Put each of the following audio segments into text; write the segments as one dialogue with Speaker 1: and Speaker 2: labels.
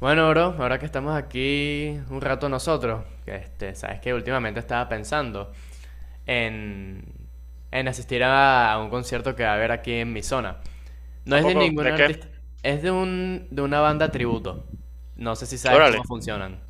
Speaker 1: Bueno, bro, ahora que estamos aquí un rato nosotros, sabes que últimamente estaba pensando en, en asistir a un concierto que va a haber aquí en mi zona. No
Speaker 2: ¿A
Speaker 1: es de
Speaker 2: poco?
Speaker 1: ningún
Speaker 2: ¿De qué?
Speaker 1: artista, es de de una banda tributo. No sé si sabes
Speaker 2: Órale.
Speaker 1: cómo funcionan.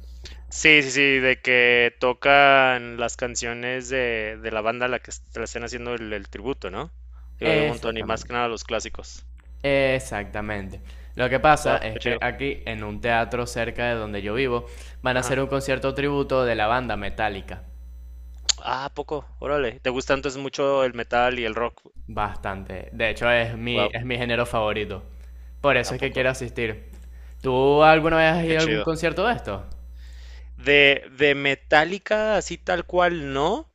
Speaker 2: Sí, sí, sí, de que tocan las canciones de la banda a la que le estén haciendo el tributo, ¿no? Digo, hay un montón y más que
Speaker 1: Exactamente.
Speaker 2: nada los clásicos.
Speaker 1: Exactamente. Lo que pasa
Speaker 2: Wow, qué
Speaker 1: es que
Speaker 2: chido.
Speaker 1: aquí, en un teatro cerca de donde yo vivo, van a
Speaker 2: Ajá.
Speaker 1: hacer un concierto tributo de la banda Metallica.
Speaker 2: Ah, ¿a poco? Órale. ¿Te gusta entonces mucho el metal y el rock?
Speaker 1: Bastante. De hecho,
Speaker 2: Wow,
Speaker 1: es mi género favorito. Por
Speaker 2: ¿a
Speaker 1: eso es que
Speaker 2: poco?
Speaker 1: quiero asistir. ¿Tú alguna vez has
Speaker 2: Qué
Speaker 1: ido a algún
Speaker 2: chido.
Speaker 1: concierto de esto?
Speaker 2: De Metallica, así tal cual, no.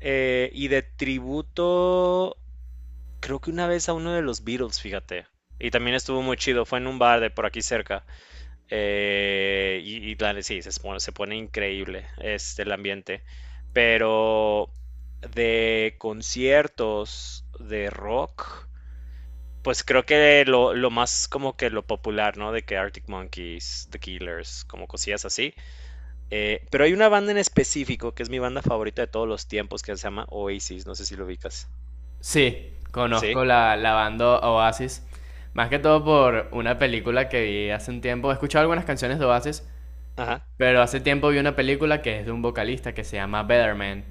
Speaker 2: Y de tributo, creo que una vez a uno de los Beatles, fíjate. Y también estuvo muy chido, fue en un bar de por aquí cerca. Y, y claro, sí, se, se pone increíble este, el ambiente. Pero de conciertos de rock, pues creo que lo más como que lo popular, ¿no? De que Arctic Monkeys, The Killers, como cosillas así. Pero hay una banda en específico que es mi banda favorita de todos los tiempos que se llama Oasis, no sé si lo ubicas.
Speaker 1: Sí,
Speaker 2: ¿Sí?
Speaker 1: conozco la banda Oasis. Más que todo por una película que vi hace un tiempo. He escuchado algunas canciones de Oasis,
Speaker 2: Ajá.
Speaker 1: pero hace tiempo vi una película que es de un vocalista que se llama Betterman.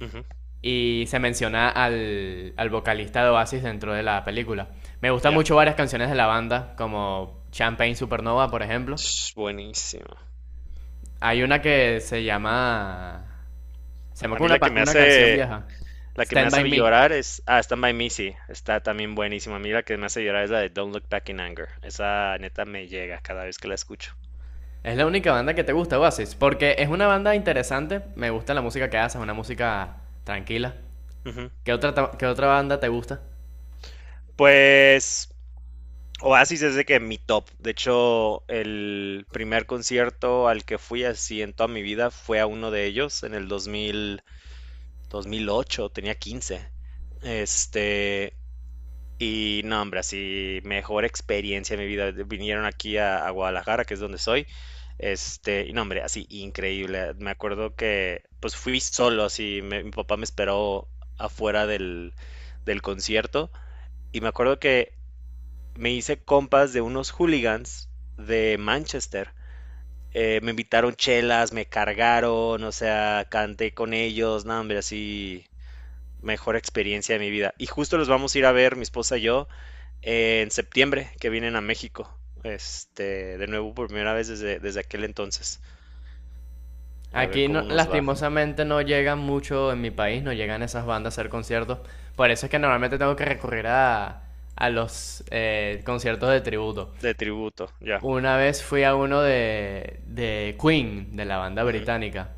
Speaker 2: Ujú.
Speaker 1: Y se menciona al vocalista de Oasis dentro de la película. Me gustan
Speaker 2: Ya.
Speaker 1: mucho varias canciones de la banda, como Champagne Supernova, por ejemplo.
Speaker 2: Sh, buenísimo.
Speaker 1: Hay una que se llama. Se llama
Speaker 2: A
Speaker 1: como
Speaker 2: mí la que me
Speaker 1: una canción
Speaker 2: hace,
Speaker 1: vieja.
Speaker 2: La que me
Speaker 1: Stand By
Speaker 2: hace
Speaker 1: Me.
Speaker 2: llorar es, ah, Stand By Me, sí, está también buenísima. A mí la que me hace llorar es la de Don't Look Back in Anger. Esa neta me llega cada vez que la escucho.
Speaker 1: Es la única banda que te gusta, Oasis. Porque es una banda interesante. Me gusta la música que haces, una música tranquila.
Speaker 2: Ujú.
Speaker 1: ¿Qué otra banda te gusta?
Speaker 2: Pues Oasis es de que mi top. De hecho, el primer concierto al que fui así en toda mi vida fue a uno de ellos en el 2008, tenía 15. Este, Y no, hombre, así mejor experiencia de mi vida. Vinieron aquí a Guadalajara, que es donde soy. Este, y no, hombre, así increíble. Me acuerdo que pues fui solo, así mi papá me esperó afuera del concierto. Y me acuerdo que me hice compas de unos hooligans de Manchester. Me invitaron chelas, me cargaron, o sea, canté con ellos, no, hombre, así mejor experiencia de mi vida. Y justo los vamos a ir a ver, mi esposa y yo en septiembre que vienen a México. Este, de nuevo por primera vez desde, desde aquel entonces. A ver
Speaker 1: Aquí,
Speaker 2: cómo nos va.
Speaker 1: lastimosamente, no llegan mucho en mi país, no llegan esas bandas a hacer conciertos. Por eso es que normalmente tengo que recurrir a los conciertos de tributo.
Speaker 2: De tributo, ya.
Speaker 1: Una vez fui a uno de Queen, de la banda
Speaker 2: Ujú,
Speaker 1: británica.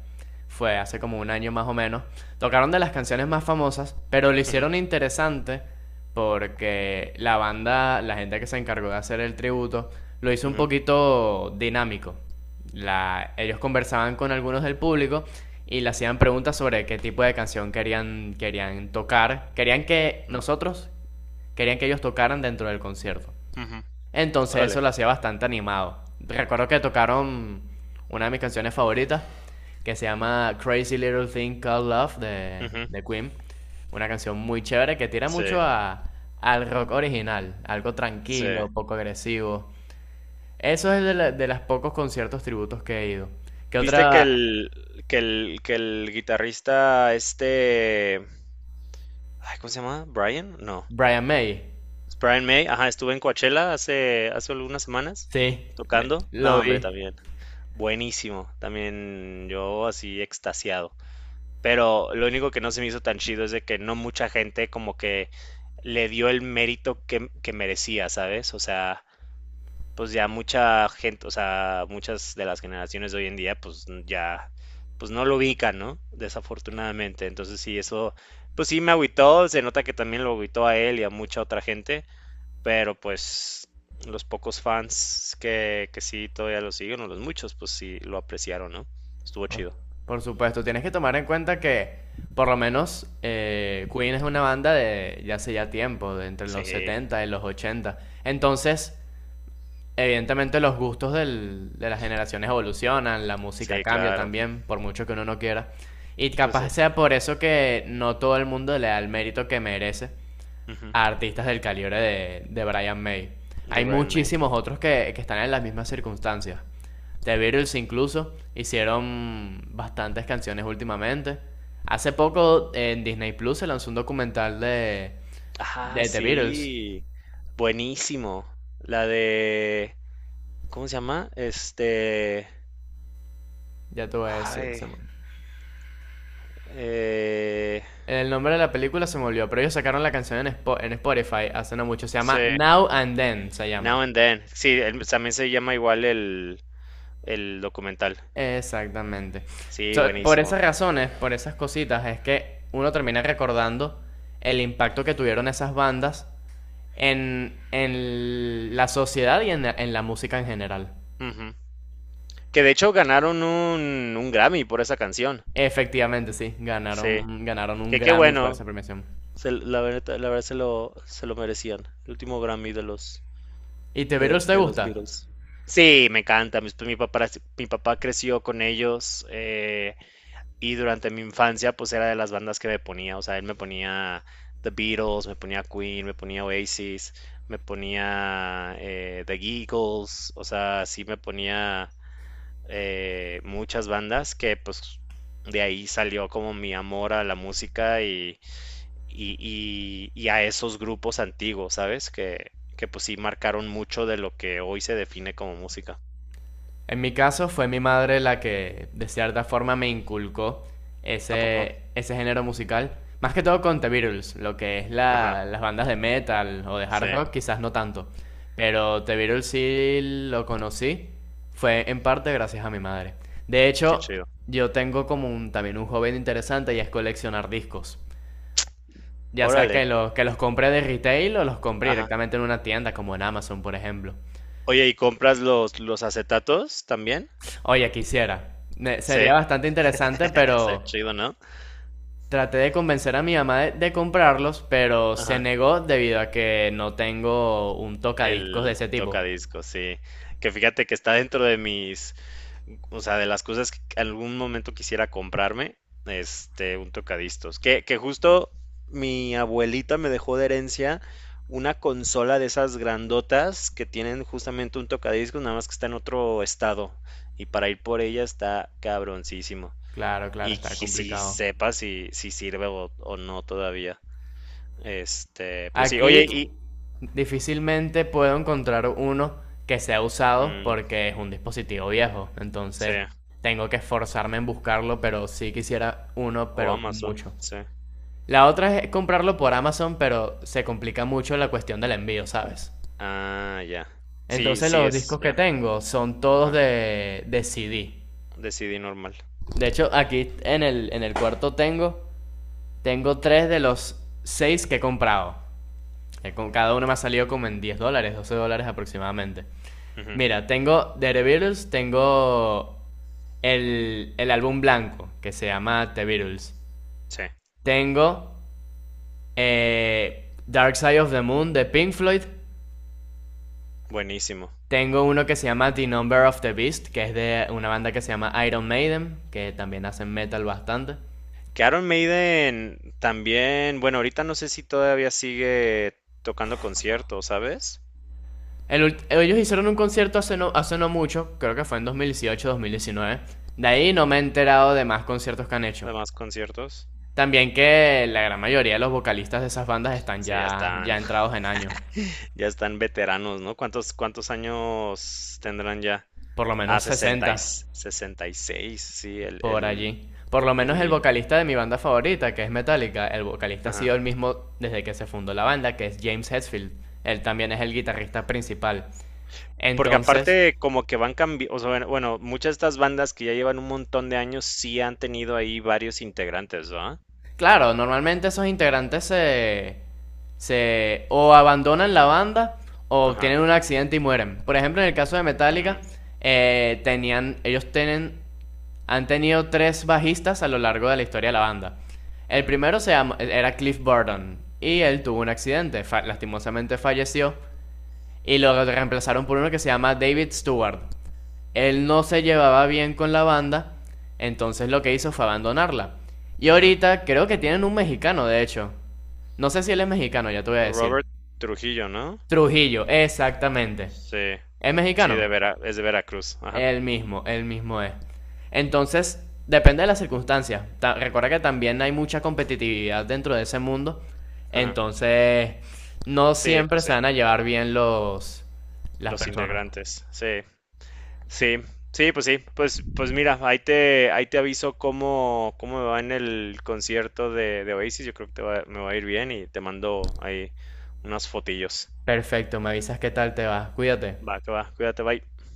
Speaker 1: Fue hace como un año más o menos. Tocaron de las canciones más famosas, pero lo
Speaker 2: ujú,
Speaker 1: hicieron interesante porque la banda, la gente que se encargó de hacer el tributo, lo hizo un
Speaker 2: ujú,
Speaker 1: poquito dinámico. Ellos conversaban con algunos del público y le hacían preguntas sobre qué tipo de canción querían tocar.
Speaker 2: ujú,
Speaker 1: Querían que ellos tocaran dentro del concierto.
Speaker 2: ujú.
Speaker 1: Entonces
Speaker 2: Órale.
Speaker 1: eso lo hacía bastante animado. Recuerdo que tocaron una de mis canciones favoritas, que se llama Crazy Little Thing Called Love
Speaker 2: Ujú.
Speaker 1: de Queen. Una canción muy chévere que tira
Speaker 2: Sí,
Speaker 1: mucho al rock original, algo
Speaker 2: sí.
Speaker 1: tranquilo, poco agresivo. Eso es de los pocos conciertos tributos que he ido. ¿Qué
Speaker 2: ¿Viste que
Speaker 1: otra?
Speaker 2: el, que el guitarrista este, ay, ¿cómo se llama? ¿Brian? No.
Speaker 1: Brian May.
Speaker 2: Es Brian May, ajá, estuve en Coachella hace, hace algunas semanas
Speaker 1: Sí,
Speaker 2: tocando.
Speaker 1: lo
Speaker 2: No, hombre,
Speaker 1: vi.
Speaker 2: también. Buenísimo. También yo así extasiado. Pero lo único que no se me hizo tan chido es de que no mucha gente como que le dio el mérito que merecía, ¿sabes? O sea, pues ya mucha gente, o sea, muchas de las generaciones de hoy en día, pues ya, pues no lo ubican, ¿no? Desafortunadamente. Entonces sí, eso, pues sí me agüitó, se nota que también lo agüitó a él y a mucha otra gente, pero pues los pocos fans que sí todavía lo siguen, o los muchos, pues sí lo apreciaron, ¿no? Estuvo
Speaker 1: ¿No?
Speaker 2: chido.
Speaker 1: Por supuesto, tienes que tomar en cuenta que por lo menos Queen es una banda de ya hace ya tiempo, de entre los
Speaker 2: Sí,
Speaker 1: 70 y los 80. Entonces, evidentemente los gustos de las generaciones evolucionan, la música
Speaker 2: sí,
Speaker 1: cambia
Speaker 2: claro.
Speaker 1: también, por mucho que uno no quiera. Y
Speaker 2: Pues sí.
Speaker 1: capaz sea por eso que no todo el mundo le da el mérito que merece
Speaker 2: Ujú.
Speaker 1: a artistas del calibre de Brian May.
Speaker 2: De
Speaker 1: Hay
Speaker 2: Brian May.
Speaker 1: muchísimos otros que están en las mismas circunstancias. The Beatles incluso hicieron bastantes canciones últimamente. Hace poco en Disney Plus se lanzó un documental
Speaker 2: Ah,
Speaker 1: de The Beatles.
Speaker 2: sí. Buenísimo. La de... ¿Cómo se llama? Este...
Speaker 1: Ya te voy a decir.
Speaker 2: Ay. eh,
Speaker 1: El nombre de la película se me olvidó, pero ellos sacaron la canción en Spotify hace no mucho. Se
Speaker 2: sí.
Speaker 1: llama Now and Then, se llama.
Speaker 2: Now and Then. Sí, también se llama igual el documental.
Speaker 1: Exactamente.
Speaker 2: Sí,
Speaker 1: So, por
Speaker 2: buenísimo.
Speaker 1: esas razones, por esas cositas, es que uno termina recordando el impacto que tuvieron esas bandas en la sociedad y en la música en general.
Speaker 2: Ujú. Que de hecho ganaron un Grammy por esa canción.
Speaker 1: Efectivamente, sí,
Speaker 2: Sí.
Speaker 1: ganaron un
Speaker 2: Que qué
Speaker 1: Grammy por
Speaker 2: bueno.
Speaker 1: esa premiación.
Speaker 2: La verdad, la verdad se lo merecían. El último Grammy
Speaker 1: ¿Y The Beatles te
Speaker 2: de los
Speaker 1: gusta?
Speaker 2: Beatles. Sí, me encanta. Papá, mi papá creció con ellos y durante mi infancia pues era de las bandas que me ponía. O sea, él me ponía The Beatles, me ponía Queen, me ponía Oasis, me ponía The Eagles. O sea, sí me ponía muchas bandas que pues de ahí salió como mi amor a la música y, y a esos grupos antiguos, ¿sabes? Que pues sí marcaron mucho de lo que hoy se define como música.
Speaker 1: En mi caso fue mi madre la que de cierta forma me inculcó
Speaker 2: ¿A poco?
Speaker 1: ese género musical. Más que todo con The Beatles, lo que es
Speaker 2: Ajá,
Speaker 1: las bandas de metal o de
Speaker 2: sí,
Speaker 1: hard rock, quizás no tanto. Pero The Beatles sí lo conocí, fue en parte gracias a mi madre. De
Speaker 2: qué
Speaker 1: hecho,
Speaker 2: chido.
Speaker 1: yo tengo también un joven interesante y es coleccionar discos. Ya sea
Speaker 2: Órale,
Speaker 1: que que los compré de retail o los compré
Speaker 2: ajá.
Speaker 1: directamente en una tienda como en Amazon, por ejemplo.
Speaker 2: Oye, ¿y compras los acetatos también?
Speaker 1: Oye, quisiera.
Speaker 2: Sí,
Speaker 1: Sería bastante interesante,
Speaker 2: estaría
Speaker 1: pero
Speaker 2: chido, ¿no?
Speaker 1: traté de convencer a mi mamá de comprarlos, pero se
Speaker 2: Ajá.
Speaker 1: negó debido a que no tengo un tocadiscos de
Speaker 2: El
Speaker 1: ese tipo.
Speaker 2: tocadiscos, sí. Que fíjate que está dentro de mis, o sea, de las cosas que en algún momento quisiera comprarme, este, un tocadiscos. Que justo mi abuelita me dejó de herencia una consola de esas grandotas que tienen justamente un tocadiscos, nada más que está en otro estado. Y para ir por ella está cabroncísimo.
Speaker 1: Claro, claro,
Speaker 2: Y
Speaker 1: está
Speaker 2: que si
Speaker 1: complicado.
Speaker 2: sepa si, si sirve o no todavía. Este, pero sí,
Speaker 1: Aquí
Speaker 2: oye, y...
Speaker 1: difícilmente puedo encontrar uno que sea usado
Speaker 2: Mm,
Speaker 1: porque es un dispositivo viejo.
Speaker 2: sí.
Speaker 1: Entonces tengo que esforzarme en buscarlo, pero sí quisiera uno,
Speaker 2: O
Speaker 1: pero
Speaker 2: Amazon,
Speaker 1: mucho.
Speaker 2: sí.
Speaker 1: La otra es comprarlo por Amazon, pero se complica mucho la cuestión del envío, ¿sabes?
Speaker 2: Ah, ya. Sí,
Speaker 1: Entonces
Speaker 2: sí
Speaker 1: los
Speaker 2: es,
Speaker 1: discos que
Speaker 2: ya.
Speaker 1: tengo son todos
Speaker 2: Ajá.
Speaker 1: de CD.
Speaker 2: De CD normal.
Speaker 1: De hecho, aquí en el cuarto tengo tres de los seis que he comprado. Cada uno me ha salido como en $10, $12 aproximadamente.
Speaker 2: Ujú.
Speaker 1: Mira, tengo The Beatles, tengo el álbum blanco, que se llama The Beatles.
Speaker 2: Sí,
Speaker 1: Tengo Dark Side of the Moon de Pink Floyd.
Speaker 2: buenísimo.
Speaker 1: Tengo uno que se llama The Number of the Beast, que es de una banda que se llama Iron Maiden, que también hacen metal bastante.
Speaker 2: Que Iron Maiden también, bueno, ahorita no sé si todavía sigue tocando conciertos, ¿sabes?
Speaker 1: El Ellos hicieron un concierto hace no mucho, creo que fue en 2018-2019. De ahí no me he enterado de más conciertos que han hecho.
Speaker 2: Además, conciertos.
Speaker 1: También que la gran mayoría de los vocalistas de esas bandas están
Speaker 2: Sí, ya
Speaker 1: ya,
Speaker 2: están,
Speaker 1: ya entrados en años,
Speaker 2: ya están veteranos, ¿no? ¿Cuántos, cuántos años tendrán ya?
Speaker 1: por lo
Speaker 2: Ah,
Speaker 1: menos 60.
Speaker 2: 66 sí, el,
Speaker 1: Por allí. Por lo
Speaker 2: el
Speaker 1: menos el
Speaker 2: lead.
Speaker 1: vocalista de mi banda favorita, que es Metallica, el vocalista ha sido el mismo desde que se fundó la banda, que es James Hetfield. Él también es el guitarrista principal.
Speaker 2: Porque
Speaker 1: Entonces,
Speaker 2: aparte como que van cambiando, o sea, bueno, muchas de estas bandas que ya llevan un montón de años sí han tenido ahí varios integrantes, ¿verdad?
Speaker 1: claro, normalmente esos integrantes se o abandonan la banda o
Speaker 2: Ajá.
Speaker 1: tienen un accidente y mueren. Por ejemplo, en el caso de
Speaker 2: Mm.
Speaker 1: Metallica, tenían, ellos tienen han tenido tres bajistas a lo largo de la historia de la banda. El
Speaker 2: Ujú,
Speaker 1: primero era Cliff Burton y él tuvo un accidente, lastimosamente falleció y lo reemplazaron por uno que se llama David Stewart. Él no se llevaba bien con la banda, entonces lo que hizo fue abandonarla. Y
Speaker 2: ujú.
Speaker 1: ahorita creo que tienen un mexicano, de hecho. No sé si él es mexicano, ya te voy a decir.
Speaker 2: Robert Trujillo, ¿no?
Speaker 1: Trujillo, exactamente.
Speaker 2: Sí,
Speaker 1: ¿Es
Speaker 2: sí,
Speaker 1: mexicano?
Speaker 2: de es de Veracruz, ajá,
Speaker 1: El mismo es. Entonces, depende de las circunstancias. Recuerda que también hay mucha competitividad dentro de ese mundo.
Speaker 2: ajá.
Speaker 1: Entonces, no
Speaker 2: Sí,
Speaker 1: siempre
Speaker 2: pues sí,
Speaker 1: se van a llevar bien los las
Speaker 2: los
Speaker 1: personas.
Speaker 2: integrantes, sí, sí, sí, pues, pues mira, ahí te aviso cómo, cómo me va en el concierto de Oasis, yo creo que me va a ir bien y te mando ahí unas fotillos.
Speaker 1: Perfecto, me avisas qué tal te va. Cuídate.
Speaker 2: Va, que va, cuídate, bye.